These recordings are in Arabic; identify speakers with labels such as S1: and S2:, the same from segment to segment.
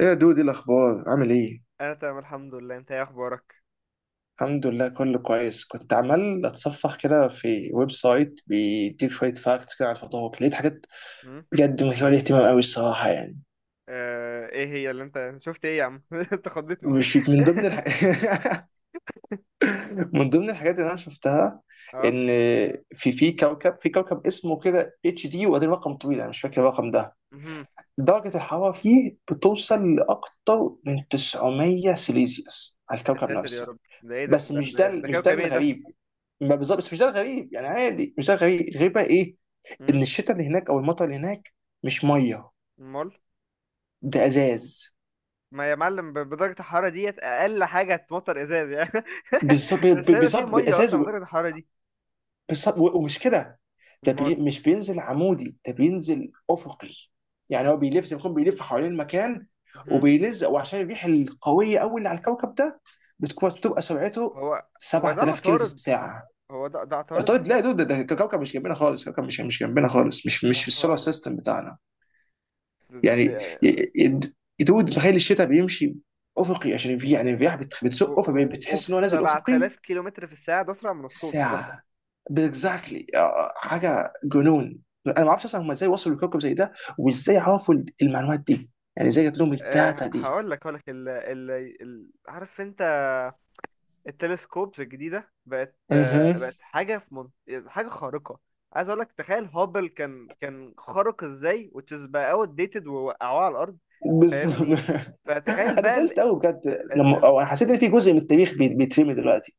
S1: ايه يا دودي، الاخبار؟ عامل ايه؟
S2: انا تمام الحمد لله، انت ايه اخبارك؟
S1: الحمد لله كله كويس. كنت عمال اتصفح كده في ويب سايت بيديك شويه فاكتس كده عن التطوق، لقيت حاجات
S2: هم؟
S1: بجد مثيره للاهتمام قوي الصراحه يعني.
S2: آه، ايه هي اللي انت شفت؟ ايه يا عم؟ انت خضتني.
S1: مش من ضمن الح... من ضمن الحاجات اللي انا شفتها
S2: اه.
S1: ان في كوكب اسمه كده اتش دي وبعدين رقم طويل، انا مش فاكر الرقم ده.
S2: مهم.
S1: درجه الحراره فيه بتوصل لاكتر من 900 سيليزيوس على
S2: يا
S1: الكوكب
S2: ساتر يا
S1: نفسه.
S2: رب، ده ايه؟ ده
S1: بس
S2: ده
S1: مش ده
S2: ده, ده
S1: مش ده
S2: كوكب ايه ده؟
S1: الغريب. ما بالظبط، بس مش ده الغريب يعني، عادي. مش ده الغريب، الغريب بقى ايه؟
S2: هم؟
S1: ان الشتاء اللي هناك او المطر اللي هناك مش ميه،
S2: امال.
S1: ده ازاز.
S2: ما يا معلم، بدرجة الحرارة ديت اقل حاجة هتمطر ازاز يعني.
S1: بالظبط
S2: مش هيبقى فيه
S1: بالظبط،
S2: مية
S1: ازاز
S2: اصلا بدرجة الحرارة دي.
S1: بالظبط ومش كده. ده
S2: امال.
S1: مش بينزل عمودي، ده بينزل افقي. يعني هو بيلف زي ما يكون بيلف حوالين المكان
S2: مهم.
S1: وبيلزق. وعشان الريح القويه قوي اللي على الكوكب ده بتبقى سرعته
S2: هو ده
S1: 7000 كيلو في
S2: عطارد.
S1: الساعه.
S2: هو ده عطارد.
S1: طيب لا يا دود، ده كوكب مش جنبنا خالص، كوكب مش جنبنا خالص، مش في السولار
S2: اها،
S1: سيستم بتاعنا.
S2: ده
S1: يعني ي- ي- دود تخيل الشتاء بيمشي افقي عشان في يعني الرياح بتزقه،
S2: وب
S1: فبتحس ان هو نازل افقي.
S2: 7000 كيلو متر في الساعة، ده اسرع من الصوت.
S1: ساعه، بالظبط. حاجه جنون. انا ما اعرفش اصلا هم ازاي وصلوا لكوكب زي ده وازاي عرفوا المعلومات دي، يعني ازاي جات لهم الداتا دي.
S2: هقول لك عارف انت؟ التلسكوبز الجديده بقت
S1: اها،
S2: حاجه خارقه. عايز اقول لك، تخيل هابل كان خارق ازاي، وتشيز بقى اوت ديتد ووقعوه على الارض.
S1: بالظبط.
S2: فاهمني؟ فتخيل
S1: انا
S2: بقى.
S1: زعلت قوي بجد لما انا حسيت ان في جزء من التاريخ بيترمي دلوقتي.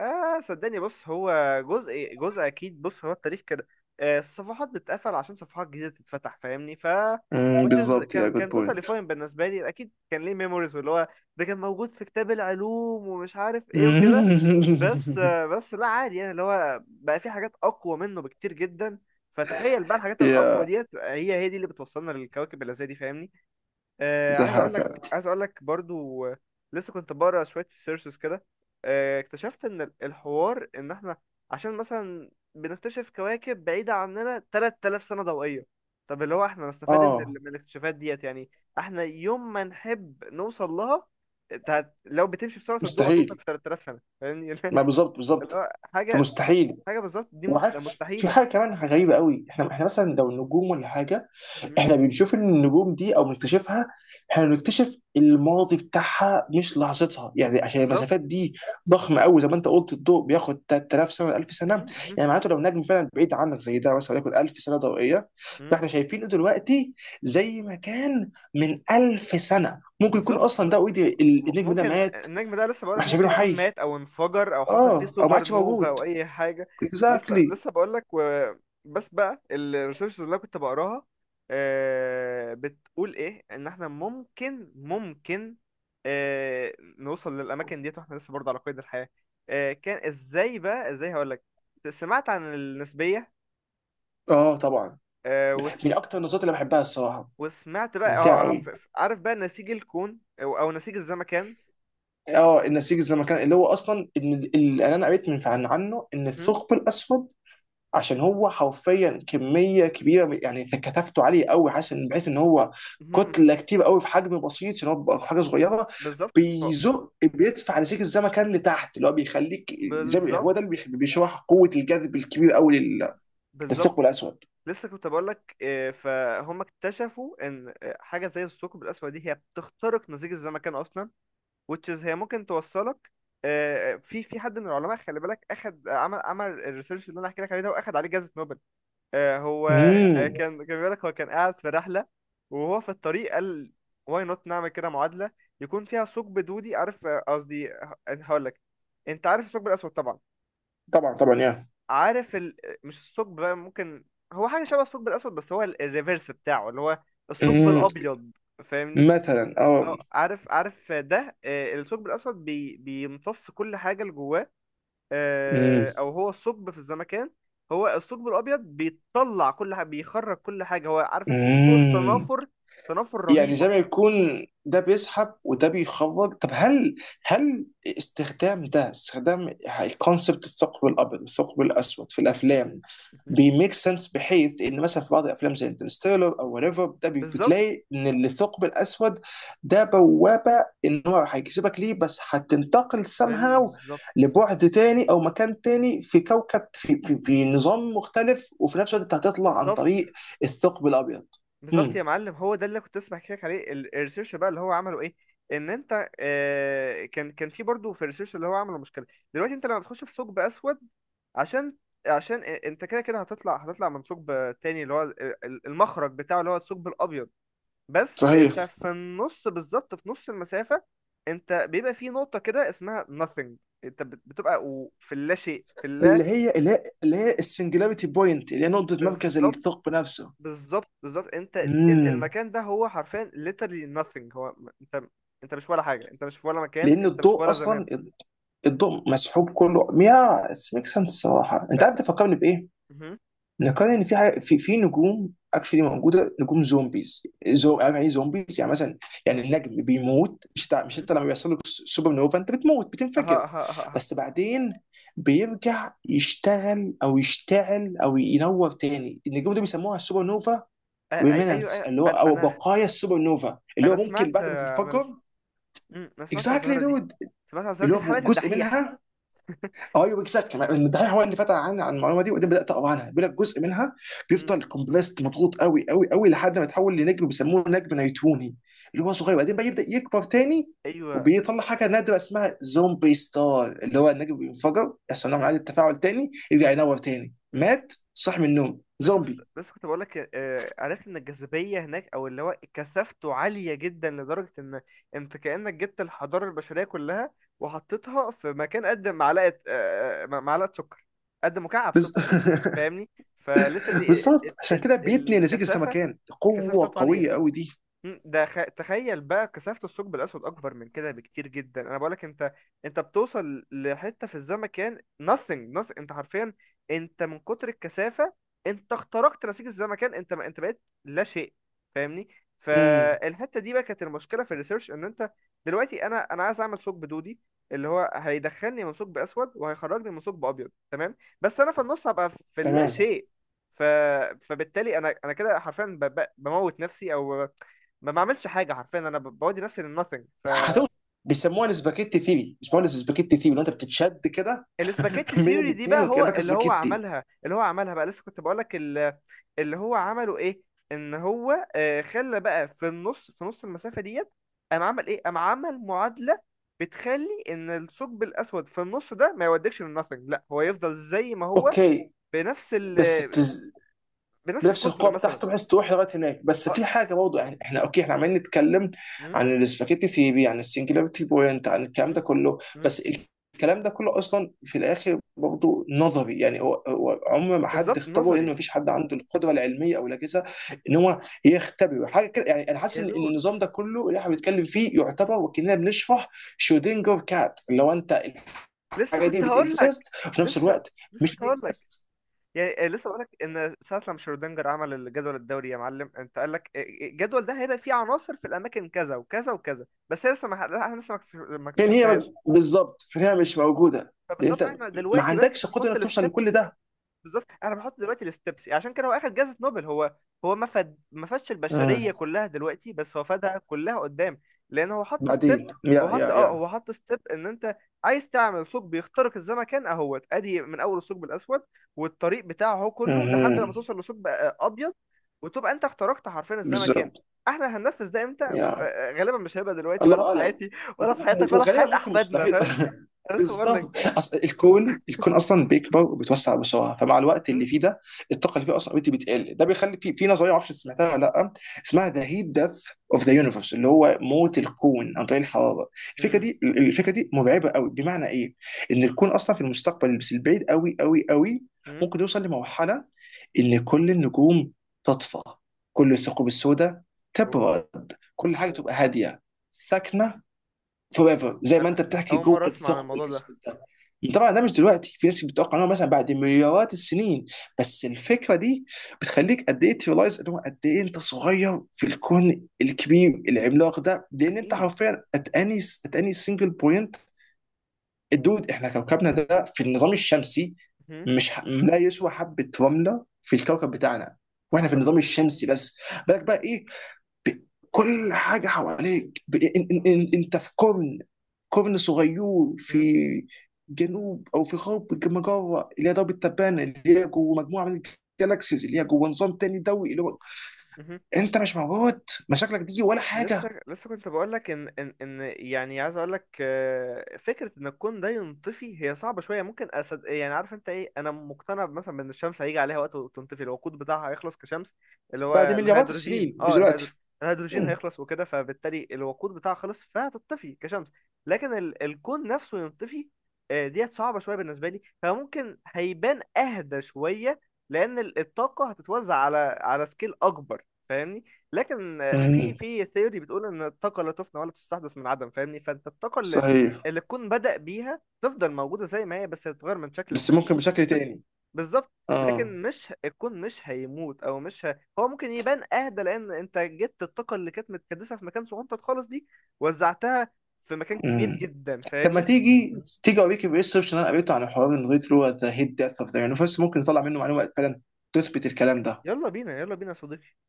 S2: صدقني، بص هو جزء أكيد. بص هو التاريخ كده، الصفحات بتتقفل عشان صفحات جديدة تتفتح. فاهمني؟ Which is
S1: بالظبط، يا
S2: كان
S1: جود
S2: كان totally
S1: بوينت.
S2: fine بالنسبة لي. أكيد كان ليه memories، واللي هو ده كان موجود في كتاب العلوم ومش عارف إيه وكده. بس آه بس لا، عادي يعني، اللي هو بقى في حاجات أقوى منه بكتير جدا. فتخيل بقى الحاجات الأقوى
S1: يا،
S2: ديت، هي دي اللي بتوصلنا للكواكب اللي زي دي. فاهمني؟
S1: ده
S2: عايز
S1: حقيقة
S2: اقول لك
S1: فعلا.
S2: عايز اقول لك برضو، لسه كنت بقرا شويه سيرشز كده. اكتشفت ان الحوار، ان احنا عشان مثلا بنكتشف كواكب بعيده عننا 3000 سنه ضوئيه. طب اللي هو احنا نستفاد من
S1: اه،
S2: الاكتشافات ديت يعني؟ احنا يوم ما نحب نوصل لها، لو بتمشي بسرعه الضوء هتوصل
S1: مستحيل.
S2: في 3000 سنه. فاهمني؟
S1: ما بالظبط
S2: اللي
S1: بالظبط،
S2: هو حاجه
S1: فمستحيل.
S2: حاجه بالظبط، دي
S1: وعارف، في
S2: مستحيله.
S1: حاجه كمان غريبه قوي. احنا مثلا لو النجوم ولا حاجه،
S2: مم،
S1: احنا بنشوف ان النجوم دي او بنكتشفها، احنا بنكتشف الماضي بتاعها مش لحظتها، يعني عشان
S2: بالظبط.
S1: المسافات دي ضخمه قوي زي ما انت قلت. الضوء بياخد 3000 سنه، 1000 سنه،
S2: مهم، مهم،
S1: يعني معناته لو نجم فعلا بعيد عنك زي ده مثلا وليكن 1000 سنه ضوئيه،
S2: مهم.
S1: فاحنا شايفينه دلوقتي زي ما كان من 1000 سنه. ممكن يكون
S2: بالظبط،
S1: اصلا ده
S2: بالظبط.
S1: اوريدي، النجم ده
S2: ممكن
S1: مات
S2: النجم ده، لسه بقولك،
S1: واحنا شايفينه
S2: ممكن يكون
S1: حي.
S2: مات او انفجر او حصل
S1: اه،
S2: فيه
S1: او ما
S2: سوبر
S1: عادش
S2: نوفا
S1: موجود.
S2: او اي حاجه. لسه
S1: اكزاكتلي.
S2: لسه بقولك، بس بقى الريسيرش اللي أنا كنت بقراها، بتقول ايه؟ ان احنا ممكن نوصل للاماكن ديت واحنا لسه برضه على قيد الحياه. كان ازاي بقى؟ ازاي هقولك. سمعت عن النسبيه؟
S1: اه طبعا،
S2: آه،
S1: من
S2: وسم...
S1: اكتر النظريات اللي بحبها الصراحه،
S2: وسمعت بقى،
S1: ممتع قوي.
S2: عارف بقى نسيج الكون او نسيج الزمكان؟
S1: اه النسيج زي ما كان، اللي هو اصلا ان انا قريت عن عنه ان
S2: مهم.
S1: الثقب الاسود عشان هو حرفيا كميه كبيره يعني كثافته عاليه قوي، حاسس ان بحيث ان هو
S2: مهم. مهم.
S1: كتله كتير قوي في حجم بسيط، عشان هو بيبقى حاجه صغيره.
S2: بالظبط.
S1: بيزق، بيدفع نسيج الزمن كان لتحت، اللي هو بيخليك زي
S2: بالظبط.
S1: هو ده اللي بيشرح قوه الجذب الكبير قوي
S2: بالظبط.
S1: للثقب الاسود.
S2: لسه كنت بقول لك، فهم اكتشفوا ان حاجه زي الثقب الاسود دي، هي بتخترق نسيج الزمكان اصلا، which is هي ممكن توصلك. في حد من العلماء، خلي بالك، اخد، عمل الريسيرش اللي انا احكي لك عليه ده، واخد عليه جائزه نوبل. هو
S1: امم،
S2: كان بيقول لك هو كان قاعد في رحله، وهو في الطريق قال واي نوت نعمل كده معادله يكون فيها ثقب دودي. عارف، قصدي، هقول لك، انت عارف الثقب الاسود طبعا.
S1: طبعا طبعا.
S2: عارف مش الثقب، بقى ممكن هو حاجة شبه الثقب الأسود بس هو الريفرس بتاعه، اللي هو الثقب
S1: يا
S2: الأبيض. فاهمني؟
S1: مثلا، اه
S2: اه، عارف ده. الثقب الأسود بيمتص كل حاجة اللي جواه،
S1: امم
S2: أو هو الثقب في الزمكان. هو الثقب الأبيض بيطلع كل حاجة، بيخرج كل حاجة. هو عارف، أنت في قوة
S1: امم.
S2: تنافر
S1: يعني زي ما
S2: رهيبة.
S1: يكون ده بيسحب وده بيخرج. طب هل، هل استخدام ده استخدام الكونسبت الثقب الابيض والثقب الاسود في
S2: مهم.
S1: الافلام
S2: مهم.
S1: بيميك سنس، بحيث ان مثلا في بعض الافلام زي انترستيلر او وريفر
S2: بالظبط.
S1: بتلاقي ان الثقب الاسود ده بوابه، ان هو هيجذبك ليه، بس هتنتقل somehow
S2: بالظبط.
S1: لبعد تاني او مكان تاني في كوكب في نظام مختلف، وفي نفس الوقت انت هتطلع عن
S2: بالظبط،
S1: طريق الثقب الابيض.
S2: بالظبط
S1: امم،
S2: يا معلم، هو ده اللي كنت لسه بحكي لك عليه. الريسيرش بقى اللي هو عمله ايه؟ ان انت، كان في برضه في الريسيرش اللي هو عمله، مشكله. دلوقتي انت لما تخش في ثقب اسود، عشان عشان انت كده كده هتطلع من ثقب تاني، اللي هو المخرج بتاعه، اللي هو الثقب الابيض. بس
S1: صحيح.
S2: انت في النص بالظبط، في نص المسافه، انت بيبقى في نقطه كده اسمها nothing. انت بتبقى، في اللا شيء في
S1: اللي
S2: اللا
S1: هي اللي هي اللي هي السنجلاريتي بوينت، اللي هي نقطة مركز
S2: بالظبط،
S1: الثقب نفسه.
S2: بالظبط. بالظبط انت،
S1: امم.
S2: المكان ده هو حرفيا literally nothing. انت مش ولا حاجه، انت مش في ولا مكان،
S1: لأن
S2: انت مش في
S1: الضوء
S2: ولا زمان.
S1: أصلا، الضوء مسحوب كله. يا اتس ميك سنس الصراحة. أنت عارف
S2: أه.
S1: تفكرني بإيه؟
S2: مهم.
S1: نقارن إن في حاجة، في نجوم اكشلي موجودة، نجوم زومبيز. زو عارف يعني إيه زومبيز؟ يعني مثلا، يعني
S2: يعني ايه؟
S1: النجم بيموت. مش،
S2: مهم.
S1: انت لما بيحصل لك سوبر نوفا انت بتموت
S2: اها،
S1: بتنفجر،
S2: اها، اها، اها.
S1: بس بعدين بيرجع يشتغل او يشتعل او ينور تاني. النجوم دي بيسموها السوبر نوفا
S2: أه، ايوه،
S1: ريمينانتس،
S2: ايوه.
S1: اللي هو
S2: انا
S1: او
S2: انا
S1: بقايا السوبر نوفا، اللي هو
S2: انا
S1: ممكن
S2: سمعت
S1: بعد ما
S2: آه، عن
S1: تنفجر.
S2: ال... مم، انا سمعت عن
S1: اكزاكتلي
S2: الظاهره دي.
S1: دود،
S2: سمعت عن الظاهره
S1: اللي
S2: دي في
S1: هو
S2: حلقه
S1: جزء
S2: الدحيح.
S1: منها. ايوه اكزاكتلي، الدحيح هو اللي فتح عن المعلومه دي وبعدين بدات اقرا عنها. بيقول لك جزء منها
S2: مم.
S1: بيفضل كومبلست مضغوط قوي قوي قوي لحد ما يتحول لنجم بيسموه نجم نيتوني، اللي هو صغير، وبعدين بقى يبدا يكبر تاني،
S2: ايوه.
S1: وبيطلع حاجه نادره اسمها زومبي ستار، اللي هو النجم بينفجر، يحصل نوع من
S2: مم.
S1: انواع التفاعل تاني، يرجع
S2: مم.
S1: ينور تاني.
S2: مم.
S1: مات صح من النوم،
S2: لسه كنت
S1: زومبي.
S2: لسه كنت بقول لك، عرفت ان الجاذبيه هناك، او اللي هو كثافته عاليه جدا، لدرجه ان انت كانك جبت الحضاره البشريه كلها وحطيتها في مكان قد معلقه آه، آه، معلقه سكر، قد مكعب
S1: بز...
S2: سكر. فاهمني؟ فليترلي.
S1: بالظبط، عشان كده بيتني نسيج
S2: الكثافه.
S1: السمكان
S2: الكثافه
S1: قوه
S2: بتاعته عاليه.
S1: قويه قوي دي.
S2: تخيل بقى كثافة الثقب الأسود أكبر من كده بكتير جدا. أنا بقولك، أنت أنت بتوصل لحتة في الزمكان، nothing nothing، أنت حرفيا، أنت من كتر الكثافة أنت اخترقت نسيج الزمكان. أنت بقيت لا شيء. فاهمني؟
S1: امم،
S2: فالحتة دي بقى كانت المشكلة في الريسيرش. إن أنت دلوقتي، أنا عايز أعمل ثقب دودي اللي هو هيدخلني من ثقب أسود وهيخرجني من ثقب أبيض، تمام، بس أنا في النص هبقى في اللا
S1: تمام.
S2: شيء. ف... فبالتالي أنا كده حرفيا بموت نفسي، أو ما بعملش حاجه، حرفيا انا بودي نفسي للناثينج.
S1: هتوصل، بيسموها السباكيتي ثيري. بيسموها السباكيتي ثيري لو انت بتتشد كده
S2: فالاسباجيتي
S1: من
S2: سيري دي
S1: الاثنين
S2: بقى هو
S1: وكانك
S2: اللي هو
S1: سباكيتي.
S2: عملها اللي هو عملها بقى لسه كنت بقول لك، اللي هو عمله ايه؟ ان هو خلى بقى في النص، في نص المسافه ديت، قام عمل ايه؟ قام عمل معادله بتخلي ان الثقب الاسود في النص ده ما يوديكش للناثينج، لا هو يفضل زي ما هو،
S1: اوكي،
S2: بنفس ال
S1: بس التز...
S2: بنفس
S1: بنفس
S2: القطر
S1: القوه
S2: مثلا.
S1: بتاعته، بحيث تروح لغايه هناك. بس
S2: اه.
S1: في حاجه برضه، يعني احنا اوكي، احنا عمالين نتكلم
S2: م-
S1: عن السباكيتي ثيري، عن السنجلاريتي بوينت، عن الكلام
S2: م-
S1: ده كله.
S2: م-
S1: بس الكلام ده كله اصلا في الاخر برضه نظري، يعني هو عمر ما حد
S2: بالظبط،
S1: اختبره، لان
S2: نظري.
S1: مفيش حد عنده القدره العلميه او الاجهزه ان هو يختبره حاجه كده. يعني انا حاسس
S2: يا
S1: ان
S2: دود،
S1: النظام ده كله اللي احنا بنتكلم فيه
S2: م-
S1: يعتبر وكاننا بنشرح شودنجر كات، اللي هو انت
S2: لسه
S1: الحاجه دي
S2: كنت هقول لك.
S1: بتكزيست وفي نفس
S2: لسه
S1: الوقت
S2: لسه
S1: مش
S2: كنت هقول لك،
S1: بتكزيست.
S2: يعني، لسه بقولك ان ساعه لما شرودنجر عمل الجدول الدوري يا معلم، انت قال لك، الجدول ده هيبقى فيه عناصر في الاماكن كذا وكذا وكذا، بس هي لسه، ما ح- احنا لسه ما
S1: فين هي
S2: اكتشفناهاش.
S1: بالظبط؟ فين هي؟ مش موجوده، لان انت
S2: فبالظبط احنا
S1: ما
S2: دلوقتي بس
S1: عندكش قدره
S2: بنحط
S1: انك توصل لكل
S2: الستبس.
S1: ده.
S2: بالظبط، انا بحط دلوقتي الستبس، عشان كده هو اخد جائزة نوبل. هو، هو ما فادش
S1: مم.
S2: البشرية كلها دلوقتي، بس هو فادها كلها قدام، لان هو حط ستيب.
S1: بعدين
S2: هو
S1: يا
S2: حط
S1: يا
S2: اه
S1: يا
S2: هو حط ستيب، ان انت عايز تعمل ثقب بيخترق الزمكان، اهوت ادي من اول الثقب الاسود والطريق بتاعه هو كله، لحد
S1: مهم،
S2: لما توصل لثقب ابيض، وتبقى انت اخترقت حرفيا الزمكان.
S1: بالظبط
S2: احنا هننفذ ده امتى؟
S1: يا.
S2: غالبا مش هيبقى دلوقتي ولا
S1: الله
S2: في
S1: اعلم.
S2: حياتي ولا في حياتك ولا في
S1: وغالبا
S2: حياة
S1: ممكن
S2: احفادنا.
S1: مستحيل
S2: فاهم؟ انا لسه بقول لك.
S1: بالظبط، اصل الكون اصلا بيكبر وبيتوسع بسرعه، فمع الوقت اللي
S2: مم.
S1: فيه ده الطاقه اللي فيه اصلا اوريدي بتقل، ده بيخلي في نظريه، ما اعرفش سمعتها ولا لا، اسمها ذا هيت ديث اوف ذا يونيفرس، اللي هو موت الكون عن طريق الحراره. الفكره
S2: مم.
S1: دي، مرعبه قوي، بمعنى ايه؟ ان الكون اصلا في المستقبل بس البعيد قوي قوي قوي
S2: مم.
S1: ممكن يوصل لمرحله ان كل النجوم تطفى، كل الثقوب السوداء
S2: اوه،
S1: تبرد، كل حاجه
S2: اوه.
S1: تبقى هاديه ساكنه فور
S2: انا
S1: ايفر، زي ما انت
S2: انا
S1: بتحكي
S2: اول
S1: جوه
S2: مره اسمع عن
S1: الثقب
S2: الموضوع ده.
S1: الاسود ده. طبعا ده مش دلوقتي، في ناس بتتوقع ان هو مثلا بعد مليارات السنين. بس الفكره دي بتخليك قد ايه تريلايز ان هو قد ايه انت صغير في الكون الكبير العملاق ده، لان انت
S2: اكيد.
S1: حرفيا ات اني سنجل بوينت. الدود، احنا كوكبنا ده في النظام الشمسي
S2: مهم.
S1: مش ح... لا يسوى حبه رمله في الكوكب بتاعنا، واحنا في
S2: حصل.
S1: النظام الشمسي بس. بالك بقى ايه، ب- كل حاجه حواليك، انت في قرن، قرن صغير في
S2: مهم.
S1: جنوب او في غرب مجره اللي هي درب التبانه، اللي هي جوه مجموعه من الجالاكسيز، اللي هي جوه نظام تاني ضوئي، اللي هو
S2: مهم.
S1: انت مش موجود، مشاكلك دي ولا حاجه.
S2: لسه كنت بقولك ان يعني، عايز اقولك، فكره ان الكون ده ينطفي هي صعبه شويه، ممكن أسد يعني. عارف انت ايه؟ انا مقتنع مثلا بان الشمس هيجي عليها وقت وتنطفي، الوقود بتاعها هيخلص كشمس، اللي هو
S1: بعد مليارات
S2: الهيدروجين.
S1: السنين مش دلوقتي.
S2: الهيدروجين
S1: مم،
S2: هيخلص وكده، فبالتالي الوقود بتاعها خلص فهتطفي كشمس. لكن الكون نفسه ينطفي، ديت صعبه شويه بالنسبه لي. فممكن هيبان اهدى شويه، لان الطاقه هتتوزع على سكيل اكبر. فاهمني؟ لكن في
S1: مم،
S2: ثيوري بتقول ان الطاقه لا تفنى ولا تستحدث من عدم. فاهمني؟ فانت الطاقه اللي
S1: صحيح.
S2: اللي الكون بدأ بيها تفضل موجوده زي ما هي، بس هتتغير من شكل
S1: بس
S2: لشكل، من
S1: ممكن
S2: شكل
S1: بشكل
S2: لشكل.
S1: تاني.
S2: بالظبط.
S1: اه.
S2: لكن مش الكون، مش هيموت، او مش ه... هو ممكن يبان اهدى، لان انت جبت الطاقه اللي كانت متكدسه في مكان صغنطط خالص دي، وزعتها في مكان كبير
S1: مم.
S2: جدا.
S1: طب ما
S2: فاهمني؟
S1: تيجي، اوريك الريسيرش اللي انا قريته عن حوار الريترو ذا هيد ديث اوف ذا يونيفرس، ممكن نطلع منه معلومه فعلا تثبت الكلام ده.
S2: يلا بينا، يلا بينا يا صديقي.